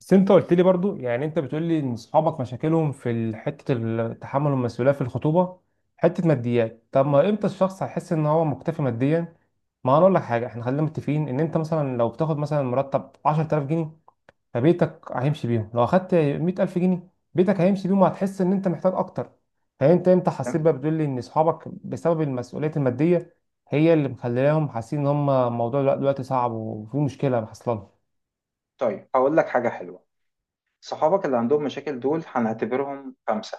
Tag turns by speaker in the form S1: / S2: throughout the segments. S1: بس انت قلت لي برضو، يعني انت بتقول لي ان اصحابك مشاكلهم في تحمل المسؤوليه في الخطوبه، حته ماديات. طب ما امتى الشخص هيحس ان هو مكتفي ماديا؟ ما انا اقول لك حاجه، احنا خلينا متفقين ان انت مثلا لو بتاخد مثلا مرتب 10000 جنيه فبيتك هيمشي بيهم، لو اخدت 100000 جنيه بيتك هيمشي بيهم وهتحس ان انت محتاج اكتر. فانت امتى حسيت
S2: تمام؟
S1: بقى؟ بتقول لي ان اصحابك بسبب المسؤوليات الماديه هي اللي مخليهم حاسين ان هم الموضوع دلوقتي صعب وفي مشكله حصلانه.
S2: طيب هقول لك حاجة حلوة. صحابك اللي عندهم مشاكل دول هنعتبرهم خمسة.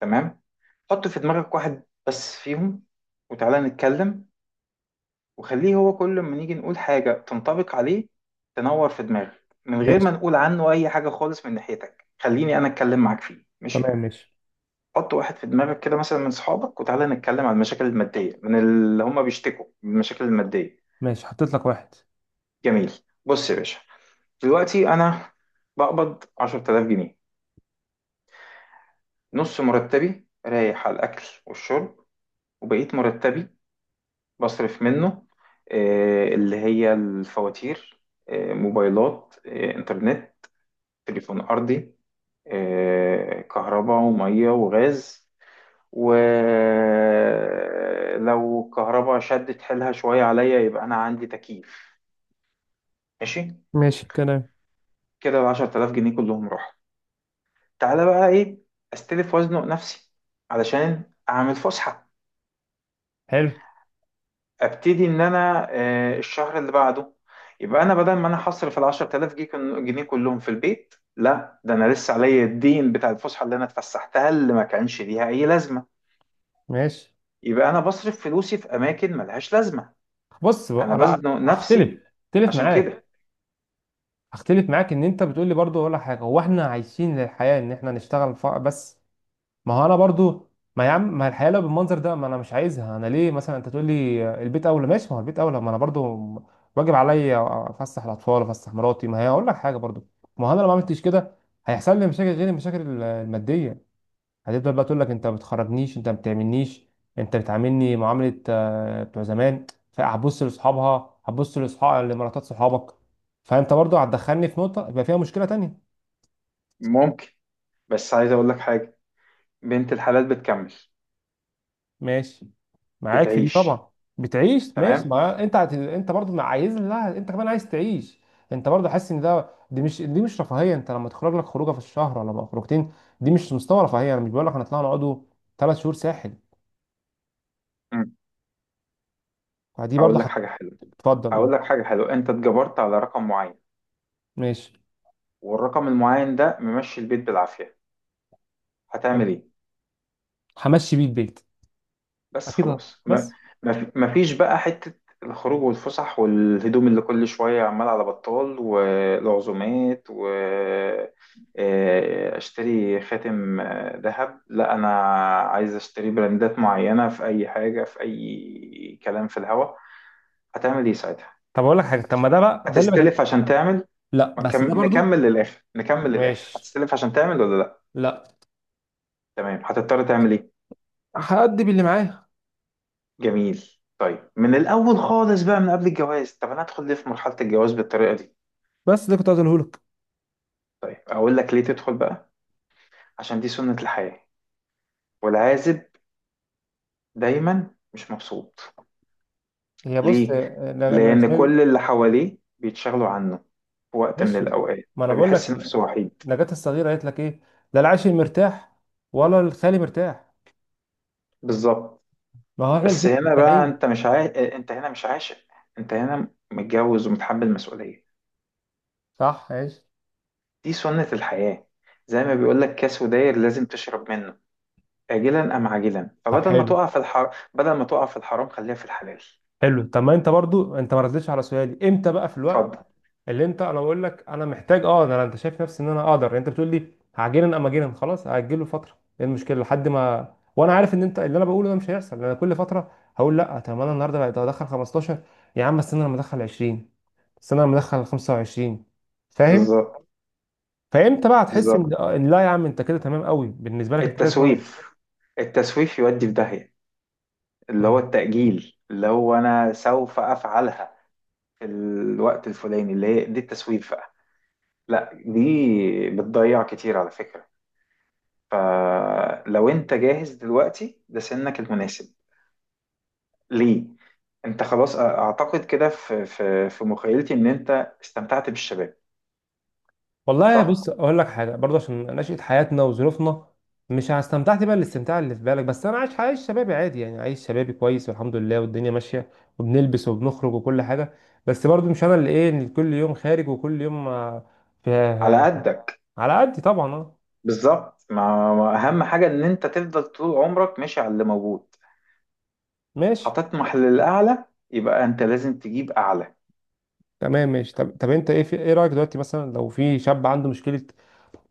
S2: تمام. حط في دماغك واحد بس فيهم وتعالى نتكلم، وخليه هو كل ما نيجي نقول حاجة تنطبق عليه تنور في دماغك، من غير ما
S1: ماشي.
S2: نقول عنه أي حاجة خالص من ناحيتك. خليني أنا أتكلم معاك فيه. ماشي.
S1: تمام، ماشي.
S2: حط واحد في دماغك كده مثلا من صحابك، وتعالى نتكلم عن المشاكل المادية، من اللي هم بيشتكوا من المشاكل المادية.
S1: ماشي، حطيت لك واحد.
S2: جميل. بص يا باشا، دلوقتي أنا بقبض 10,000 جنيه. نص مرتبي رايح على الأكل والشرب، وبقيت مرتبي بصرف منه، اللي هي الفواتير، موبايلات، إنترنت، تليفون أرضي، كهرباء ومية وغاز. ولو الكهرباء شدت حيلها شوية عليا، يبقى أنا عندي تكييف. ماشي.
S1: ماشي الكلام.
S2: كده 10,000 جنيه كلهم راحوا. تعالى بقى إيه؟ أستلف وأزنق نفسي علشان أعمل فسحة.
S1: حلو.
S2: ابتدي ان انا الشهر اللي بعده يبقى انا بدل ما انا حصر في ال 10,000 جنيه جنيه كلهم في البيت، لا ده انا لسه عليا الدين بتاع الفسحه اللي انا اتفسحتها، اللي ما كانش ليها اي لازمه.
S1: ماشي،
S2: يبقى انا بصرف فلوسي في اماكن ملهاش لازمه.
S1: بص
S2: انا
S1: بقى، لا.
S2: بزنق نفسي
S1: هختلف، هختلف
S2: عشان
S1: معاك.
S2: كده.
S1: هختلف معاك ان انت بتقول لي برضو، ولا حاجه هو احنا عايشين للحياه ان احنا نشتغل بس؟ ما هو انا برضو، ما يا عم، ما الحياه لو بالمنظر ده ما انا مش عايزها. انا ليه مثلا انت تقول لي البيت اولى؟ ماشي، ما هو البيت اولى، ما انا برضو واجب عليا افسح الاطفال، افسح مراتي. ما هي اقول لك حاجه برضو، ما هو انا لو ما عملتش كده هيحصل لي مشاكل غير المشاكل الماديه. هتفضل بقى تقول لك: انت ما بتخرجنيش، انت ما بتعملنيش، انت بتعاملني معامله بتوع زمان. فهتبص لاصحابها، هتبص لاصحاب لمراتات صحابك. فانت برضو هتدخلني في نقطه يبقى فيها مشكله تانية.
S2: ممكن، بس عايز اقول لك حاجه، بنت الحلال بتكمل.
S1: ماشي، معاك في دي
S2: بتعيش.
S1: طبعا. بتعيش، ماشي،
S2: تمام.
S1: ما انت انت برضو ما عايز، لا انت كمان عايز تعيش. انت برضو حاسس ان ده، دي مش رفاهيه، انت لما تخرج لك خروجه في الشهر ولا خروجتين دي مش مستوى رفاهيه. انا مش بقول لك هنطلع نقعدوا 3 شهور ساحل،
S2: مم.
S1: فدي برضو.
S2: هقول لك حاجه حلوه.
S1: هتفضل،
S2: هقول
S1: قول.
S2: لك حاجه حلوه، انت اتجبرت على رقم معين،
S1: ماشي،
S2: والرقم المعين ده ممشي البيت بالعافيه. هتعمل ايه؟
S1: همشي بيه البيت،
S2: بس
S1: اكيد. لا،
S2: خلاص.
S1: بس.
S2: ما فيش بقى حتة الخروج والفسح والهدوم اللي كل شوية عمال على بطال، والعزومات، و اشتري خاتم، ذهب. لا انا عايز اشتري براندات معينة في اي حاجة، في اي كلام في الهوا. هتعمل ايه ساعتها؟
S1: طب اقول لك حاجه، طب ما ده بقى ده اللي بكلم.
S2: هتستلف عشان تعمل؟
S1: لا
S2: ما
S1: بس ده برضو.
S2: نكمل للاخر، نكمل للاخر.
S1: ماشي.
S2: هتستلف عشان تعمل ولا لا؟
S1: لا،
S2: تمام. هتضطر تعمل ايه؟
S1: هأدي باللي معايا.
S2: جميل. طيب من الاول خالص بقى من قبل الجواز؟ طب انا ادخل ليه في مرحله الجواز بالطريقه دي؟
S1: بس ده كنت عايز اقوله لك.
S2: طيب اقول لك ليه تدخل بقى. عشان دي سنه الحياه. والعازب دايما مش مبسوط.
S1: هي بص،
S2: ليه؟
S1: أنا
S2: لان
S1: اسمعي.
S2: كل اللي حواليه بيتشغلوا عنه في وقت من
S1: ماشي.
S2: الاوقات،
S1: ما انا بقول لك،
S2: فبيحس نفسه وحيد.
S1: نجاة الصغيره قالت لك ايه؟ لا العاشق مرتاح ولا الخالي مرتاح،
S2: بالظبط.
S1: ما هو احنا
S2: بس
S1: الاثنين
S2: هنا بقى
S1: مرتاحين.
S2: انت هنا مش عاشق. انت هنا متجوز ومتحمل مسؤوليه.
S1: صح، ماشي.
S2: دي سنه الحياه. زي ما بيقول لك كاس وداير لازم تشرب منه، آجلا أم عاجلا.
S1: طب
S2: فبدل ما
S1: حلو،
S2: تقع في الحرام، بدل ما تقع في الحرام خليها في الحلال.
S1: حلو. طب ما انت برضو انت ما ردتش على سؤالي، امتى بقى في الوقت
S2: اتفضل.
S1: اللي انت، انا بقول لك انا محتاج اه ده، انا انت شايف نفسي ان انا اقدر؟ يعني انت بتقول لي هعجنن، اما اجنن خلاص هاجله فتره، ايه المشكله لحد ما، وانا عارف ان انت اللي انا بقوله ده مش هيحصل، انا كل فتره هقول لا، طب ما انا النهارده بقيت ادخل 15، يا عم استنى لما ادخل 20، استنى لما ادخل 25، فاهم؟
S2: بالظبط.
S1: فامتى بقى هتحس ان
S2: بالظبط.
S1: إن، لا يا عم انت كده تمام قوي بالنسبه لك انت كده؟
S2: التسويف. التسويف يودي في داهية. اللي هو
S1: تمام.
S2: التأجيل، اللي هو أنا سوف أفعلها في الوقت الفلاني، اللي هي دي التسويف بقى. لا دي بتضيع كتير على فكرة. فلو أنت جاهز دلوقتي ده سنك المناسب. ليه؟ أنت خلاص، أعتقد كده في مخيلتي إن أنت استمتعت بالشباب.
S1: والله
S2: صح؟
S1: بص اقول لك حاجه برضه، عشان نشأة حياتنا وظروفنا، مش استمتعت بقى الاستمتاع اللي في بالك، بس انا عايش، عايش شبابي عادي، يعني عايش شبابي كويس، والحمد لله والدنيا ماشيه، وبنلبس وبنخرج وكل حاجه. بس برضه مش انا اللي ايه اللي كل يوم خارج وكل يوم في.
S2: على قدك.
S1: على قدي طبعا، اه.
S2: بالظبط. ما اهم حاجه ان انت تفضل طول عمرك ماشي على اللي موجود.
S1: ماشي.
S2: هتطمح للاعلى، يبقى انت لازم تجيب اعلى.
S1: تمام، ماشي. طب، طب انت ايه في ايه رايك دلوقتي مثلا لو في شاب عنده مشكله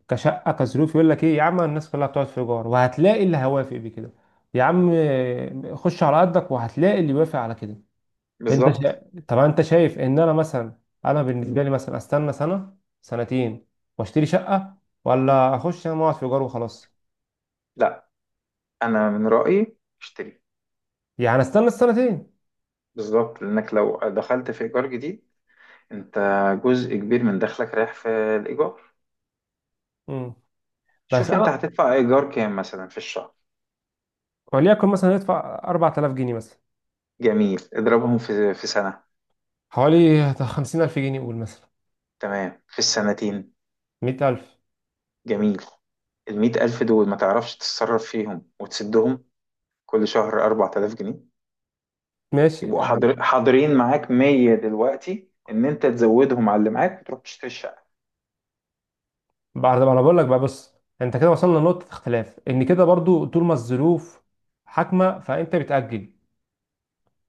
S1: كشقه كظروف؟ يقول لك ايه؟ يا عم الناس كلها بتقعد في ايجار، وهتلاقي اللي هيوافق بكده، يا عم خش على قدك وهتلاقي اللي يوافق على كده. انت
S2: بالظبط.
S1: شا... طب انت شايف ان انا مثلا، انا بالنسبه لي مثلا، استنى سنه، سنتين، واشتري شقه، ولا اخش انا اقعد في ايجار وخلاص؟
S2: لا، انا من رايي اشتري.
S1: يعني استنى السنتين؟
S2: بالظبط، لانك لو دخلت في ايجار جديد، انت جزء كبير من دخلك رايح في الايجار.
S1: امم. بس
S2: شوف انت
S1: انا،
S2: هتدفع ايجار كام مثلا في الشهر.
S1: وليكن مثلا ادفع 4000 جنيه مثلا،
S2: جميل، اضربهم في سنه.
S1: حوالي 50000 جنيه قول مثلا،
S2: تمام، في السنتين.
S1: 100000.
S2: جميل. 100,000 دول ما تعرفش تتصرف فيهم وتسدهم. كل شهر 4,000 جنيه
S1: ماشي
S2: يبقوا
S1: يعني.
S2: حاضرين معاك 100، دلوقتي ان انت تزودهم على اللي معاك وتروح تشتري الشقه.
S1: بعد ما، انا بقول لك بقى، بص، انت كده وصلنا لنقطه اختلاف، ان كده برضو طول ما الظروف حاكمه فانت بتاجل.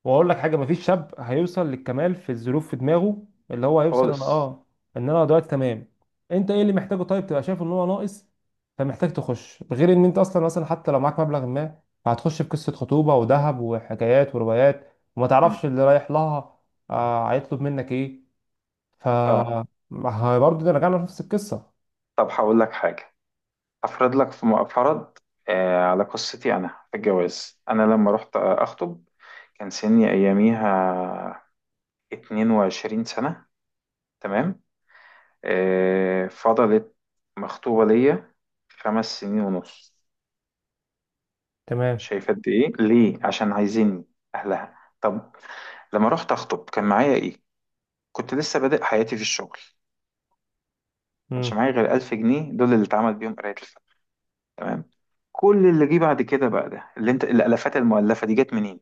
S1: واقول لك حاجه، مفيش شاب هيوصل للكمال في الظروف في دماغه، اللي هو هيوصل: انا
S2: خالص.
S1: اه، ان انا دلوقتي تمام. انت ايه اللي محتاجه طيب، تبقى شايف ان هو ناقص فمحتاج تخش؟ غير ان انت اصلا مثلا حتى لو معاك مبلغ، ما هتخش في قصه خطوبه وذهب وحكايات وروايات وما
S2: مم.
S1: تعرفش اللي رايح لها. آه، هيطلب منك ايه؟ ف،
S2: اه
S1: ما هي برضه ده رجعنا لنفس القصه.
S2: طب هقول لك حاجه. افرض لك في فرض. على قصتي انا في الجواز، انا لما رحت اخطب كان سني اياميها 22 سنه. تمام. فضلت مخطوبه ليا 5 سنين ونص.
S1: تمام.
S2: شايفه قد ايه؟ ليه؟ عشان عايزيني اهلها. طب لما رحت اخطب كان معايا ايه؟ كنت لسه بادئ حياتي في الشغل، كانش معايا غير 1,000 جنيه، دول اللي اتعمل بيهم قراية الفن. تمام. كل اللي جه بعد كده بقى، ده اللي انت الالافات المؤلفه دي، جت منين؟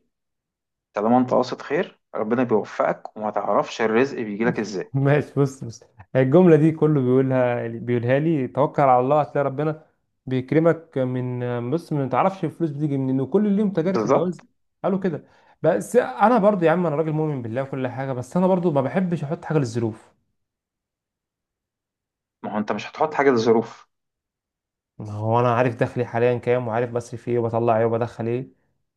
S2: طالما انت قاصد خير، ربنا بيوفقك وما تعرفش الرزق بيجيلك ازاي.
S1: ماشي، بص. الجملة دي كله بيقولها لي: توكل على الله هتلاقي ربنا بيكرمك من، بص، ما تعرفش الفلوس بتيجي منين، وكل اليوم تجارب في
S2: بالظبط.
S1: الجواز قالوا كده. بس انا برضو يا عم، انا راجل مؤمن بالله وكل حاجة، بس انا برضو ما بحبش احط حاجة للظروف.
S2: ما هو انت مش هتحط حاجه للظروف.
S1: ما هو انا عارف دخلي حاليا كام، وعارف بصرف ايه وبطلع ايه وبدخل ايه،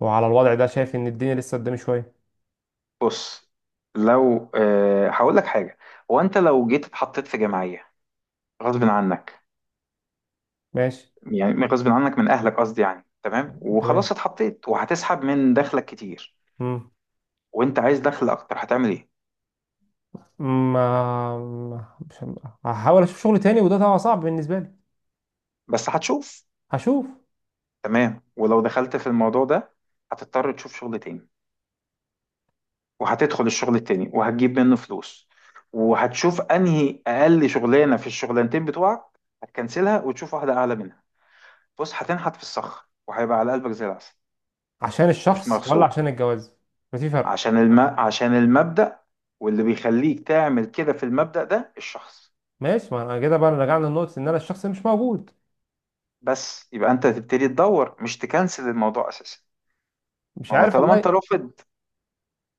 S1: وعلى الوضع ده شايف ان الدنيا لسه قدامي شوية.
S2: بص، لو هقول لك حاجه، هو انت لو جيت اتحطيت في جمعيه غصب عنك،
S1: ماشي.
S2: يعني غصب عنك من اهلك قصدي، يعني تمام
S1: تمام.
S2: وخلاص اتحطيت وهتسحب من دخلك كتير،
S1: امم.
S2: وانت عايز دخل اكتر، هتعمل ايه؟
S1: ما مش، هحاول اشوف شغل تاني، وده طبعا صعب بالنسبة لي.
S2: بس هتشوف.
S1: هشوف.
S2: تمام. ولو دخلت في الموضوع ده هتضطر تشوف شغل تاني، وهتدخل الشغل التاني وهتجيب منه فلوس، وهتشوف انهي اقل شغلانه في الشغلانتين بتوعك هتكنسلها وتشوف واحده اعلى منها. بص هتنحت في الصخر وهيبقى على قلبك زي العسل.
S1: عشان
S2: مش
S1: الشخص ولا
S2: مغصوب.
S1: عشان الجواز؟ ففي فرق.
S2: عشان المبدأ. واللي بيخليك تعمل كده في المبدأ ده الشخص.
S1: ماشي، ما انا كده بقى رجعنا لنقطة ان انا الشخص مش موجود.
S2: بس يبقى انت تبتدي تدور، مش تكنسل الموضوع اساسا.
S1: مش
S2: ما هو
S1: عارف
S2: طالما انت
S1: والله.
S2: رافض،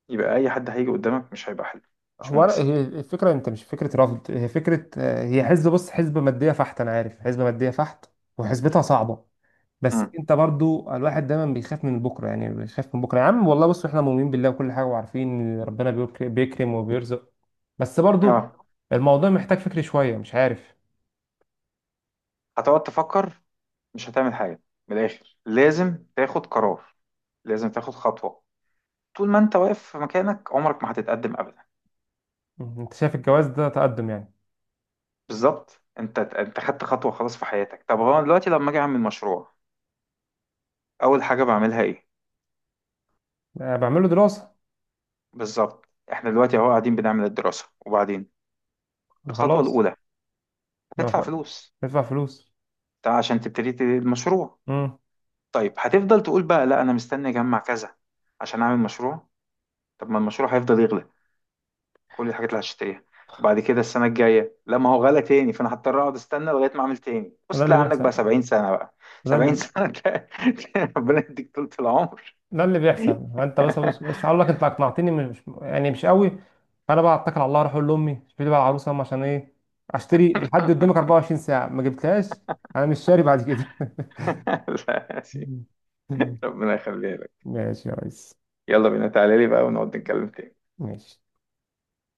S2: يبقى اي حد هيجي قدامك مش هيبقى حلو. مش
S1: هو
S2: مناسب.
S1: هي الفكرة، انت مش فكرة رفض، هي فكرة هي حزب، بص، حزب مادية فحت، انا عارف حزب مادية فحت، وحسبتها صعبة. بس
S2: امم
S1: انت برضو، الواحد دايما بيخاف من بكرة، يعني بيخاف من بكرة. يا عم والله بص احنا مؤمنين بالله وكل حاجة، وعارفين ان ربنا بيكرم وبيرزق، بس برضو
S2: اه
S1: الموضوع محتاج فكر شوية، مش عارف.
S2: هتقعد تفكر، مش هتعمل حاجة. من الآخر لازم تاخد قرار، لازم تاخد خطوة. طول ما انت واقف في مكانك عمرك ما هتتقدم أبدا.
S1: انت شايف الجواز ده تقدم يعني؟
S2: بالظبط. انت خدت خطوة خلاص في حياتك. طب هو أنا دلوقتي لما أجي أعمل مشروع، أول حاجة بعملها إيه؟
S1: بعمله دراسة.
S2: بالظبط. احنا دلوقتي اهو قاعدين بنعمل الدراسة، وبعدين الخطوة
S1: خلاص.
S2: الأولى هتدفع فلوس.
S1: يدفع فلوس.
S2: ده عشان تبتدي المشروع.
S1: امم.
S2: طيب هتفضل تقول بقى، لا أنا مستني أجمع كذا عشان أعمل مشروع. طب ما المشروع هيفضل يغلى، كل الحاجات اللي هشتريها. وبعد كده السنة الجاية، لا ما هو غلى تاني، فانا هضطر اقعد استنى لغاية ما اعمل تاني. بص
S1: ده اللي
S2: تلاقي عندك
S1: بيحصل.
S2: بقى 70 سنة بقى.
S1: ده
S2: 70
S1: اللي
S2: سنة ده. ربنا يديك طولة العمر.
S1: ده اللي بيحصل، فانت بس، بس هقول لك، انت اقنعتني مش يعني مش قوي. فانا بقى اتكل على الله، اروح اقول لامي اشتري لي بقى العروسه، أم عشان ايه؟ اشتري لحد قدامك 24 ساعه ما جبتهاش، انا مش شاري بعد كده.
S2: لا يا سيدي. ربنا يخليها لك.
S1: ماشي يا ريس.
S2: يلا بينا تعالى لي بقى ونقعد نتكلم تاني.
S1: ماشي.